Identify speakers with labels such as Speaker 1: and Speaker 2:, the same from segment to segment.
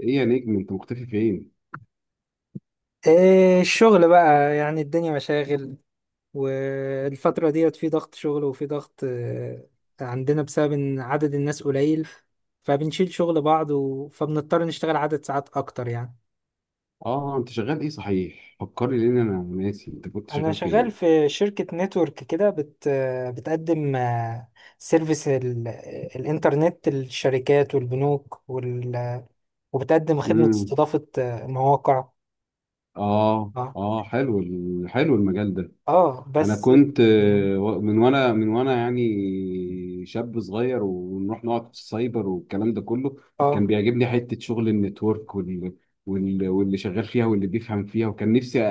Speaker 1: ايه يا نجم انت مختفي فين؟
Speaker 2: إيه الشغل بقى يعني الدنيا مشاغل. والفترة ديت في ضغط شغل وفي ضغط عندنا بسبب إن عدد الناس قليل، فبنشيل شغل بعض فبنضطر نشتغل عدد ساعات أكتر يعني.
Speaker 1: اه انت شغال ايه؟ صحيح فكرني لان انا ناسي انت كنت
Speaker 2: أنا
Speaker 1: شغال
Speaker 2: شغال
Speaker 1: فين.
Speaker 2: في شركة نتورك كده بت... آه، بتقدم، سيرفيس ال... آه، الإنترنت للشركات والبنوك وال... آه، وبتقدم خدمة
Speaker 1: امم
Speaker 2: استضافة مواقع.
Speaker 1: اه
Speaker 2: اه.
Speaker 1: اه حلو حلو المجال ده. انا
Speaker 2: بس.
Speaker 1: كنت
Speaker 2: يعني،
Speaker 1: من وانا يعني شاب صغير ونروح نقعد في السايبر والكلام ده كله،
Speaker 2: اه
Speaker 1: كان بيعجبني حتة شغل النتورك واللي شغال فيها واللي بيفهم فيها، وكان نفسي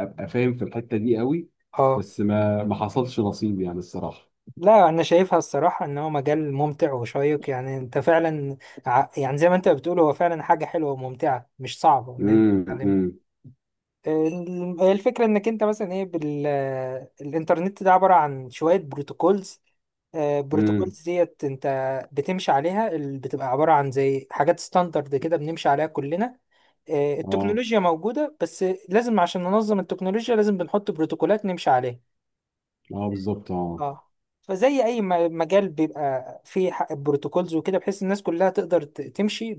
Speaker 1: ابقى فاهم في الحتة دي قوي.
Speaker 2: اه.
Speaker 1: بس ما حصلش نصيب يعني الصراحة.
Speaker 2: لا، انا شايفها الصراحه ان هو مجال ممتع وشيق، يعني انت فعلا يعني زي ما انت بتقول هو فعلا حاجه حلوه وممتعه، مش صعبه ان انت
Speaker 1: امم
Speaker 2: تتعلمها.
Speaker 1: امم
Speaker 2: الفكره انك انت مثلا ايه الانترنت ده عباره عن شويه بروتوكولز،
Speaker 1: امم.
Speaker 2: بروتوكولز ديت انت بتمشي عليها، بتبقى عباره عن زي حاجات ستاندرد كده بنمشي عليها كلنا.
Speaker 1: اه
Speaker 2: التكنولوجيا موجوده، بس لازم عشان ننظم التكنولوجيا لازم بنحط بروتوكولات نمشي عليها.
Speaker 1: اه بالظبط اه.
Speaker 2: اه، فزي اي مجال بيبقى فيه بروتوكولز وكده، بحيث الناس كلها تقدر تمشي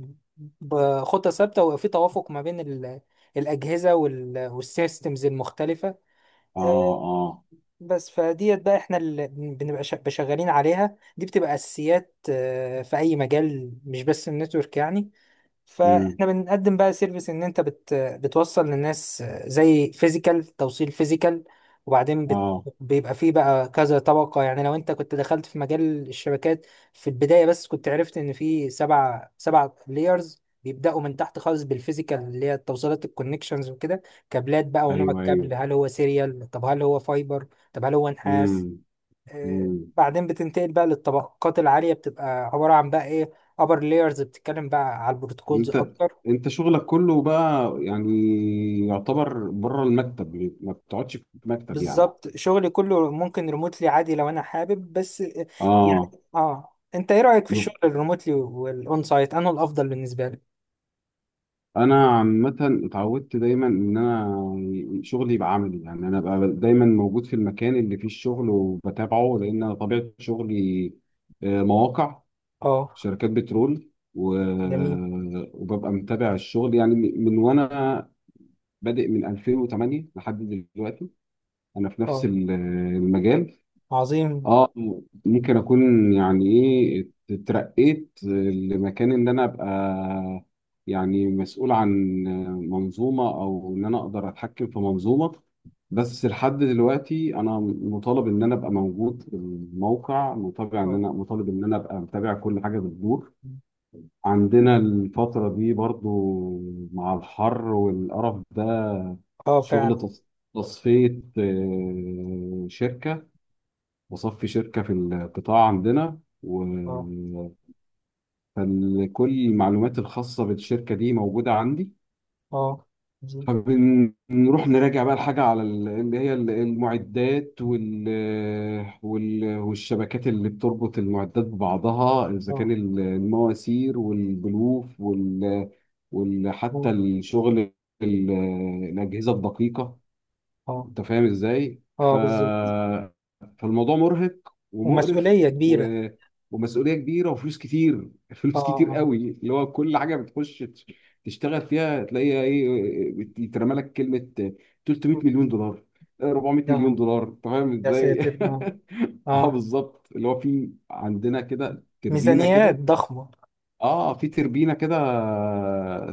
Speaker 2: بخطة ثابتة وفي توافق ما بين الأجهزة والسيستمز المختلفة.
Speaker 1: اه
Speaker 2: آه،
Speaker 1: اه.
Speaker 2: بس فديت بقى احنا اللي بنبقى شغالين عليها دي بتبقى أساسيات في أي مجال، مش بس النتورك يعني.
Speaker 1: امم
Speaker 2: فاحنا بنقدم بقى سيرفيس ان انت بتوصل للناس زي فيزيكال، توصيل فيزيكال. وبعدين بت
Speaker 1: اه.
Speaker 2: بيبقى فيه بقى كذا طبقة، يعني لو انت كنت دخلت في مجال الشبكات في البداية، بس كنت عرفت ان في سبع لايرز بيبدأوا من تحت خالص، بالفيزيكال اللي هي التوصيلات، الكونكشنز وكده، كابلات بقى، ونوع
Speaker 1: ايوه ايوه.
Speaker 2: الكابل هل هو سيريال، طب هل هو فايبر، طب هل هو نحاس.
Speaker 1: امم
Speaker 2: آه،
Speaker 1: امم.
Speaker 2: بعدين بتنتقل بقى للطبقات العالية، بتبقى عبارة عن بقى ايه، upper layers بتتكلم بقى على البروتوكولز
Speaker 1: انت
Speaker 2: اكتر.
Speaker 1: انت شغلك كله بقى يعني يعتبر بره المكتب، ما بتقعدش في مكتب يعني.
Speaker 2: بالظبط، شغلي كله ممكن ريموتلي عادي لو انا حابب، بس يعني.
Speaker 1: اه.
Speaker 2: اه، انت ايه رأيك في
Speaker 1: يب.
Speaker 2: الشغل الريموتلي والاون سايت؟ انه الافضل بالنسبة لي.
Speaker 1: انا عامه اتعودت دايما ان انا شغلي يبقى عملي، يعني انا بقى دايما موجود في المكان اللي فيه الشغل وبتابعه، لان أنا طبيعه شغلي مواقع
Speaker 2: اه.
Speaker 1: شركات بترول و...
Speaker 2: جميل.
Speaker 1: وببقى متابع الشغل يعني من وانا بادئ من 2008 لحد دلوقتي انا في نفس
Speaker 2: اه.
Speaker 1: المجال.
Speaker 2: عظيم.
Speaker 1: اه، ممكن اكون يعني ايه اترقيت لمكان ان انا ابقى يعني مسؤول عن منظومة، او ان انا اقدر اتحكم في منظومة، بس لحد دلوقتي انا مطالب ان انا ابقى موجود في الموقع، مطالب ان
Speaker 2: اه،
Speaker 1: انا ابقى متابع كل حاجة بتدور عندنا الفترة دي برضو مع الحر والقرف ده.
Speaker 2: اه
Speaker 1: شغل
Speaker 2: فعلا.
Speaker 1: تص- تصفية شركة، بصفي شركة في القطاع عندنا
Speaker 2: اه
Speaker 1: فكل المعلومات الخاصة بالشركة دي موجودة عندي.
Speaker 2: اه. عظيم.
Speaker 1: فبنروح نراجع بقى الحاجة على المعدات والشبكات اللي بتربط المعدات ببعضها، إذا كان
Speaker 2: اه
Speaker 1: المواسير والبلوف حتى
Speaker 2: اه
Speaker 1: الشغل ال- الأجهزة الدقيقة،
Speaker 2: اه.
Speaker 1: انت فاهم ازاي؟
Speaker 2: بالظبط.
Speaker 1: فالموضوع مرهق ومقرف
Speaker 2: ومسؤولية كبيرة.
Speaker 1: ومسؤوليه كبيره وفلوس كتير فلوس كتير
Speaker 2: اه.
Speaker 1: قوي، اللي هو كل حاجه بتخش تشتغل فيها تلاقيها ايه، يترمى لك كلمه
Speaker 2: آه.
Speaker 1: 300 مليون دولار، 400 مليون
Speaker 2: يا
Speaker 1: دولار، انت فاهم
Speaker 2: يا
Speaker 1: ازاي؟
Speaker 2: ساتر. اه.
Speaker 1: اه
Speaker 2: اه.
Speaker 1: بالظبط، اللي هو في عندنا كده تربينه
Speaker 2: ميزانيات
Speaker 1: كده.
Speaker 2: ضخمة.
Speaker 1: اه في تربينه كده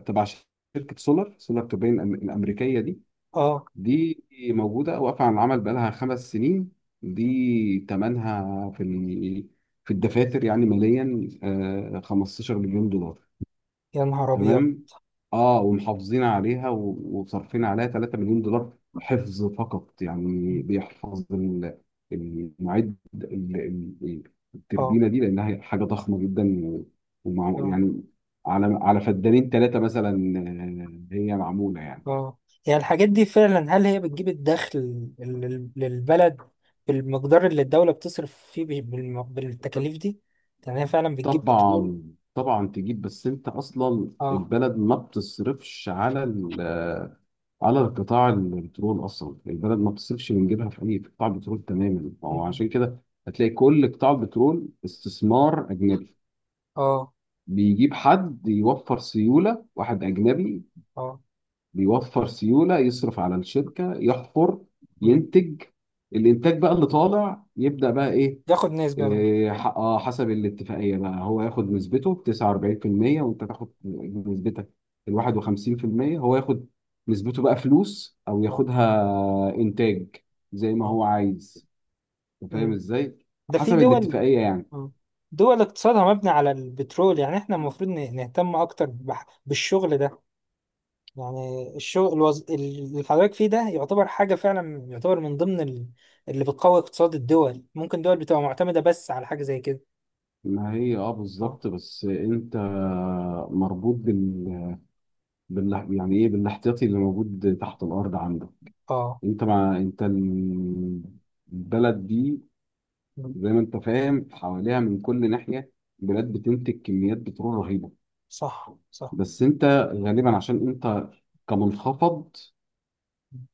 Speaker 1: تبع شركه سولار توربين الامريكيه دي.
Speaker 2: اه.
Speaker 1: دي موجودة واقفة على العمل بقالها خمس سنين. دي تمنها في في الدفاتر يعني ماليا 15 مليون دولار.
Speaker 2: يا نهار أبيض.
Speaker 1: تمام. اه ومحافظين عليها وصارفين عليها 3 مليون دولار حفظ فقط، يعني بيحفظ المعد ال- ال-
Speaker 2: اه
Speaker 1: التربينة دي، لأنها هي حاجة ضخمة جدا ومع
Speaker 2: اه
Speaker 1: يعني، على على فدانين ثلاثة مثلا، هي معمولة يعني.
Speaker 2: اه. يعني الحاجات دي فعلا هل هي بتجيب الدخل للبلد بالمقدار اللي الدولة بتصرف فيه بالتكاليف دي؟ يعني هي فعلا بتجيب، بتقول.
Speaker 1: طبعا. طبعا تجيب، بس انت اصلا
Speaker 2: اه.
Speaker 1: البلد ما بتصرفش على على القطاع البترول، اصلا البلد ما بتصرفش من جيبها في اي قطاع بترول تماما، فهو
Speaker 2: مم.
Speaker 1: عشان كده هتلاقي كل قطاع البترول استثمار اجنبي،
Speaker 2: اه
Speaker 1: بيجيب حد يوفر سيوله، واحد اجنبي
Speaker 2: اه.
Speaker 1: بيوفر سيوله، يصرف على الشركه، يحفر،
Speaker 2: مم.
Speaker 1: ينتج. الانتاج بقى اللي طالع يبدا بقى ايه،
Speaker 2: ياخد نسبة منه.
Speaker 1: اه حسب الاتفاقيه بقى هو ياخد نسبته 49% وانت تاخد نسبتك ال 51%. هو ياخد نسبته بقى فلوس او
Speaker 2: اه
Speaker 1: ياخدها انتاج زي ما
Speaker 2: اه.
Speaker 1: هو عايز، أنت فاهم
Speaker 2: مم.
Speaker 1: ازاي؟
Speaker 2: ده في
Speaker 1: حسب
Speaker 2: دول.
Speaker 1: الاتفاقيه يعني.
Speaker 2: مم. دول اقتصادها مبني على البترول، يعني احنا المفروض نهتم أكتر بالشغل ده. يعني الشغل اللي حضرتك فيه ده يعتبر حاجة فعلا، يعتبر من ضمن اللي بتقوي اقتصاد الدول. ممكن دول بتبقى معتمدة بس على حاجة زي كده.
Speaker 1: ما هي اه
Speaker 2: اه
Speaker 1: بالظبط، بس انت مربوط يعني ايه بالاحتياطي اللي موجود تحت الارض عندك.
Speaker 2: اه.
Speaker 1: انت مع انت البلد دي
Speaker 2: مم.
Speaker 1: زي ما انت فاهم حواليها من كل ناحية بلاد بتنتج كميات بترول رهيبة،
Speaker 2: صح صح.
Speaker 1: بس انت غالبا عشان انت كمنخفض،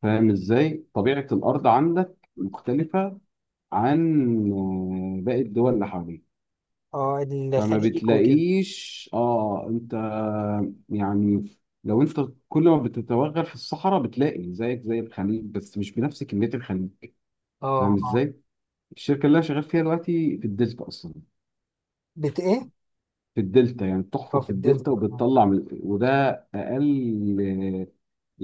Speaker 1: فاهم ازاي؟ طبيعة الأرض عندك مختلفة عن باقي الدول اللي حواليك.
Speaker 2: اه،
Speaker 1: فما
Speaker 2: الخليج وكده.
Speaker 1: بتلاقيش اه، انت يعني لو انت كل ما بتتوغل في الصحراء بتلاقي زيك زي الخليج، بس مش بنفس كمية الخليج،
Speaker 2: اه
Speaker 1: فاهم
Speaker 2: اه،
Speaker 1: ازاي؟ الشركة اللي انا شغال فيها دلوقتي في الديسك اصلا،
Speaker 2: بت ايه؟
Speaker 1: في الدلتا يعني،
Speaker 2: اه،
Speaker 1: بتحفر
Speaker 2: في
Speaker 1: في الدلتا
Speaker 2: الدلتا. آه.
Speaker 1: وبتطلع من وده اقل، آه،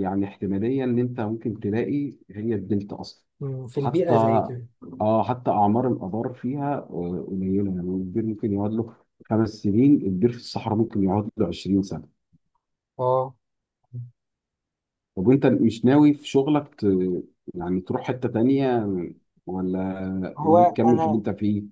Speaker 1: يعني احتماليه ان انت ممكن تلاقي، هي الدلتا اصلا
Speaker 2: مم، في
Speaker 1: حتى،
Speaker 2: البيئة زي كده.
Speaker 1: اه حتى اعمار الابار فيها قليله، يعني البير ممكن يقعد له خمس سنين، البير في الصحراء ممكن يقعد له 20 سنه.
Speaker 2: اه.
Speaker 1: طب وانت مش ناوي في شغلك يعني تروح حته تانيه، ولا ناوي
Speaker 2: هو
Speaker 1: تكمل في اللي
Speaker 2: انا
Speaker 1: انت فيه؟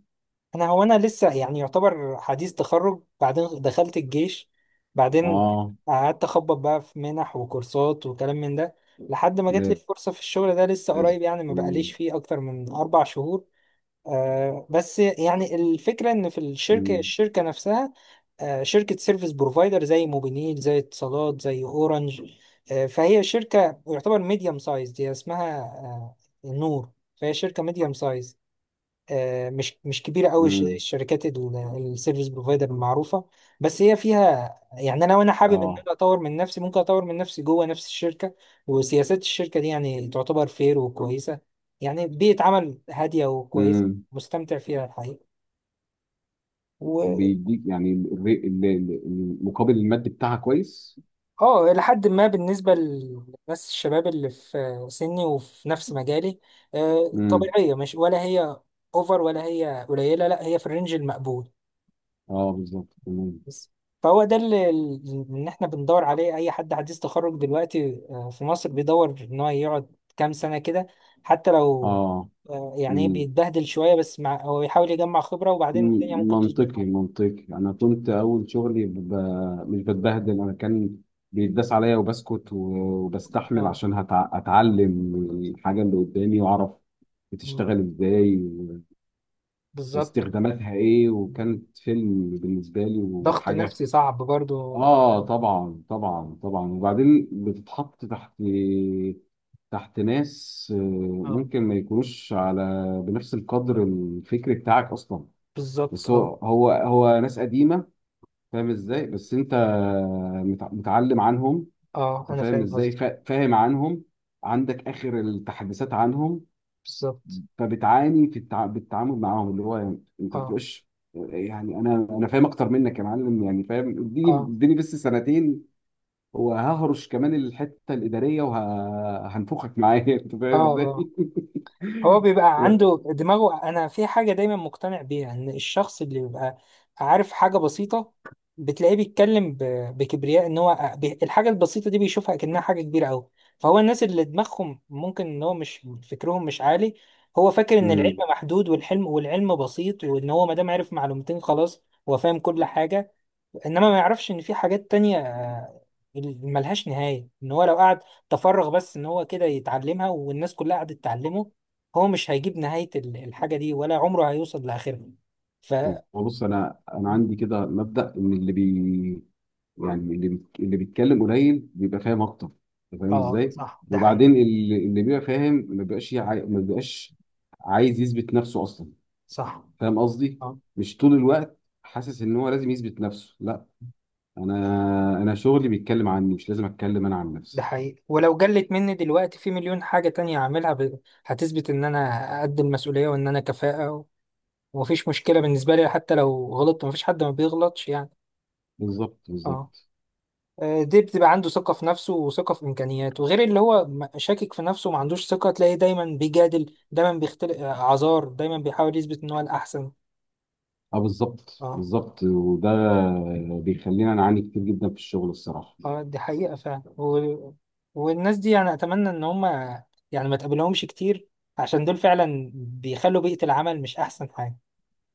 Speaker 2: انا هو انا لسه يعني يعتبر حديث تخرج، بعدين دخلت الجيش. بعدين
Speaker 1: اه
Speaker 2: قعدت اخبط بقى في منح وكورسات وكلام من ده، لحد ما جات لي
Speaker 1: لازم.
Speaker 2: فرصة في الشغل ده لسه قريب، يعني ما بقاليش
Speaker 1: مم.
Speaker 2: فيه اكتر من 4 شهور. آه، بس يعني الفكرة ان في الشركة،
Speaker 1: مم.
Speaker 2: الشركة نفسها آه، شركة سيرفيس بروفايدر زي موبينيل زي اتصالات زي اورنج. آه، فهي شركة يعتبر ميديم سايز، دي اسمها آه نور. فهي شركة ميديم سايز، مش كبيره قوي
Speaker 1: مم.
Speaker 2: الشركات السيرفيس بروفايدر المعروفه. بس هي فيها، يعني انا وانا حابب ان
Speaker 1: اه.
Speaker 2: انا اطور من نفسي، ممكن اطور من نفسي جوه نفس الشركه. وسياسات الشركه دي يعني تعتبر فير وكويسه، يعني بيئه عمل هاديه وكويسه.
Speaker 1: مم.
Speaker 2: مستمتع فيها الحقيقه، و
Speaker 1: وبيديك يعني المقابل المادي بتاعها كويس.
Speaker 2: اه، لحد ما بالنسبه للناس الشباب اللي في سني وفي نفس مجالي،
Speaker 1: امم
Speaker 2: طبيعيه، مش، ولا هي اوفر ولا هي قليله، لا هي في الرينج المقبول.
Speaker 1: اه بالظبط تمام.
Speaker 2: بس فهو ده اللي ان احنا بندور عليه، اي حد حديث تخرج دلوقتي في مصر بيدور ان هو يقعد كام سنه كده، حتى لو
Speaker 1: اه.
Speaker 2: يعني إيه
Speaker 1: مم.
Speaker 2: بيتبهدل شويه، بس مع هو بيحاول يجمع خبره وبعدين
Speaker 1: مم.
Speaker 2: الدنيا ممكن تظبط
Speaker 1: منطقي
Speaker 2: معاه.
Speaker 1: منطقي. انا كنت اول شغلي مش بتبهدل، انا كان بيتداس عليا وبسكت وبستحمل
Speaker 2: اه.
Speaker 1: عشان اتعلم الحاجه اللي قدامي واعرف
Speaker 2: مم.
Speaker 1: بتشتغل ازاي
Speaker 2: بالظبط.
Speaker 1: واستخداماتها ايه، وكانت فيلم بالنسبه لي
Speaker 2: ضغط
Speaker 1: وحاجه.
Speaker 2: نفسي صعب برضو.
Speaker 1: اه طبعا طبعا طبعا. وبعدين بتتحط تحت، تحت ناس
Speaker 2: اه،
Speaker 1: ممكن ما يكونوش على بنفس القدر الفكري بتاعك اصلا،
Speaker 2: بالظبط.
Speaker 1: بس
Speaker 2: اه
Speaker 1: هو ناس قديمه، فاهم ازاي؟ بس انت متعلم عنهم،
Speaker 2: اه،
Speaker 1: انت
Speaker 2: انا
Speaker 1: فاهم
Speaker 2: فاهم
Speaker 1: ازاي؟
Speaker 2: قصدك.
Speaker 1: فاهم عنهم، عندك اخر التحديثات عنهم،
Speaker 2: بالظبط.
Speaker 1: فبتعاني في بالتعامل معاهم، اللي هو يعني انت
Speaker 2: اه
Speaker 1: بتبقاش يعني انا فاهم اكتر منك يا معلم، يعني فاهم، اديني
Speaker 2: اه
Speaker 1: اديني بس سنتين وههرش كمان الحته الاداريه وهنفخك معايا انت فاهم
Speaker 2: اه اه.
Speaker 1: ازاي؟
Speaker 2: هو بيبقى
Speaker 1: و-
Speaker 2: عنده دماغه. انا في حاجه دايما مقتنع بيها، ان الشخص اللي بيبقى عارف حاجه بسيطه بتلاقيه بيتكلم بكبرياء، ان هو الحاجه البسيطه دي بيشوفها كأنها حاجه كبيره قوي. فهو الناس اللي دماغهم ممكن ان هو مش، فكرهم مش عالي، هو فاكر ان العلم
Speaker 1: مم.
Speaker 2: محدود والحلم والعلم بسيط، وان هو ما دام عرف معلومتين خلاص هو فاهم كل حاجه. انما ما يعرفش ان في حاجات تانية ملهاش نهاية، ان هو لو قعد تفرغ بس ان هو كده يتعلمها والناس كلها قعدت تعلمه، هو مش هيجيب نهاية الحاجة دي، ولا عمره هيوصل لاخرها. ف،
Speaker 1: وبص انا عندي كده مبدا ان اللي بي يعني اللي بي- اللي بيتكلم قليل بيبقى فاهم اكتر، انت فاهم
Speaker 2: اه
Speaker 1: ازاي؟
Speaker 2: صح، ده حقيقي.
Speaker 1: وبعدين اللي بيبقى فاهم ما بيبقاش عايز يثبت نفسه اصلا،
Speaker 2: صح.
Speaker 1: فاهم قصدي؟
Speaker 2: اه.
Speaker 1: مش طول الوقت حاسس ان هو لازم يثبت نفسه. لا، انا انا شغلي بيتكلم عني، مش لازم اتكلم انا عن
Speaker 2: ده
Speaker 1: نفسي.
Speaker 2: حقيقي، ولو جلت مني دلوقتي في مليون حاجة تانية هعملها هتثبت ان انا قد المسؤولية وان انا كفاءة، و... ومفيش مشكلة بالنسبة لي. حتى لو غلطت مفيش حد ما بيغلطش يعني.
Speaker 1: بالظبط
Speaker 2: اه.
Speaker 1: بالظبط.
Speaker 2: دي بتبقى عنده ثقة في نفسه وثقة في إمكانياته، غير اللي هو شاكك في نفسه وما عندوش ثقة، تلاقيه دايما بيجادل، دايما بيختلق أعذار، دايما بيحاول يثبت إن هو الأحسن.
Speaker 1: اه بالظبط
Speaker 2: اه
Speaker 1: بالظبط. وده بيخلينا نعاني كتير جدا في الشغل الصراحه.
Speaker 2: اه، دي حقيقة فعلا. و... والناس دي يعني أتمنى إن هما، يعني ما تقابلهمش كتير، عشان دول فعلا بيخلوا بيئة العمل مش أحسن حاجة.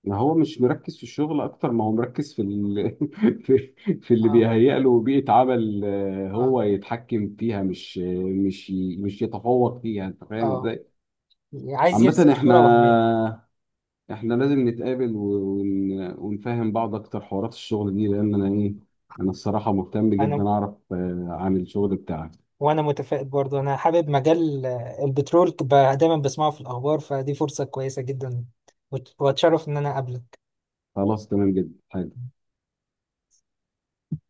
Speaker 1: ما هو مش مركز في الشغل اكتر ما هو مركز في في في اللي
Speaker 2: اه
Speaker 1: بيهيأ له بيئه عمل
Speaker 2: اه
Speaker 1: هو يتحكم فيها، مش مش يتفوق فيها، انت فاهم
Speaker 2: اه.
Speaker 1: ازاي؟
Speaker 2: عايز
Speaker 1: عامه
Speaker 2: يرسم
Speaker 1: احنا،
Speaker 2: صورة وهمية.
Speaker 1: احنا لازم نتقابل ونفهم بعض اكتر حوارات الشغل دي، لان انا ايه، انا الصراحه مهتم
Speaker 2: أنا،
Speaker 1: جدا اعرف عن الشغل بتاعك.
Speaker 2: وانا متفائل برضه، انا حابب مجال البترول، دايما بسمعه في الاخبار، فدي فرصة كويسة جدا. واتشرف ان انا اقابلك
Speaker 1: خلاص تمام جدا.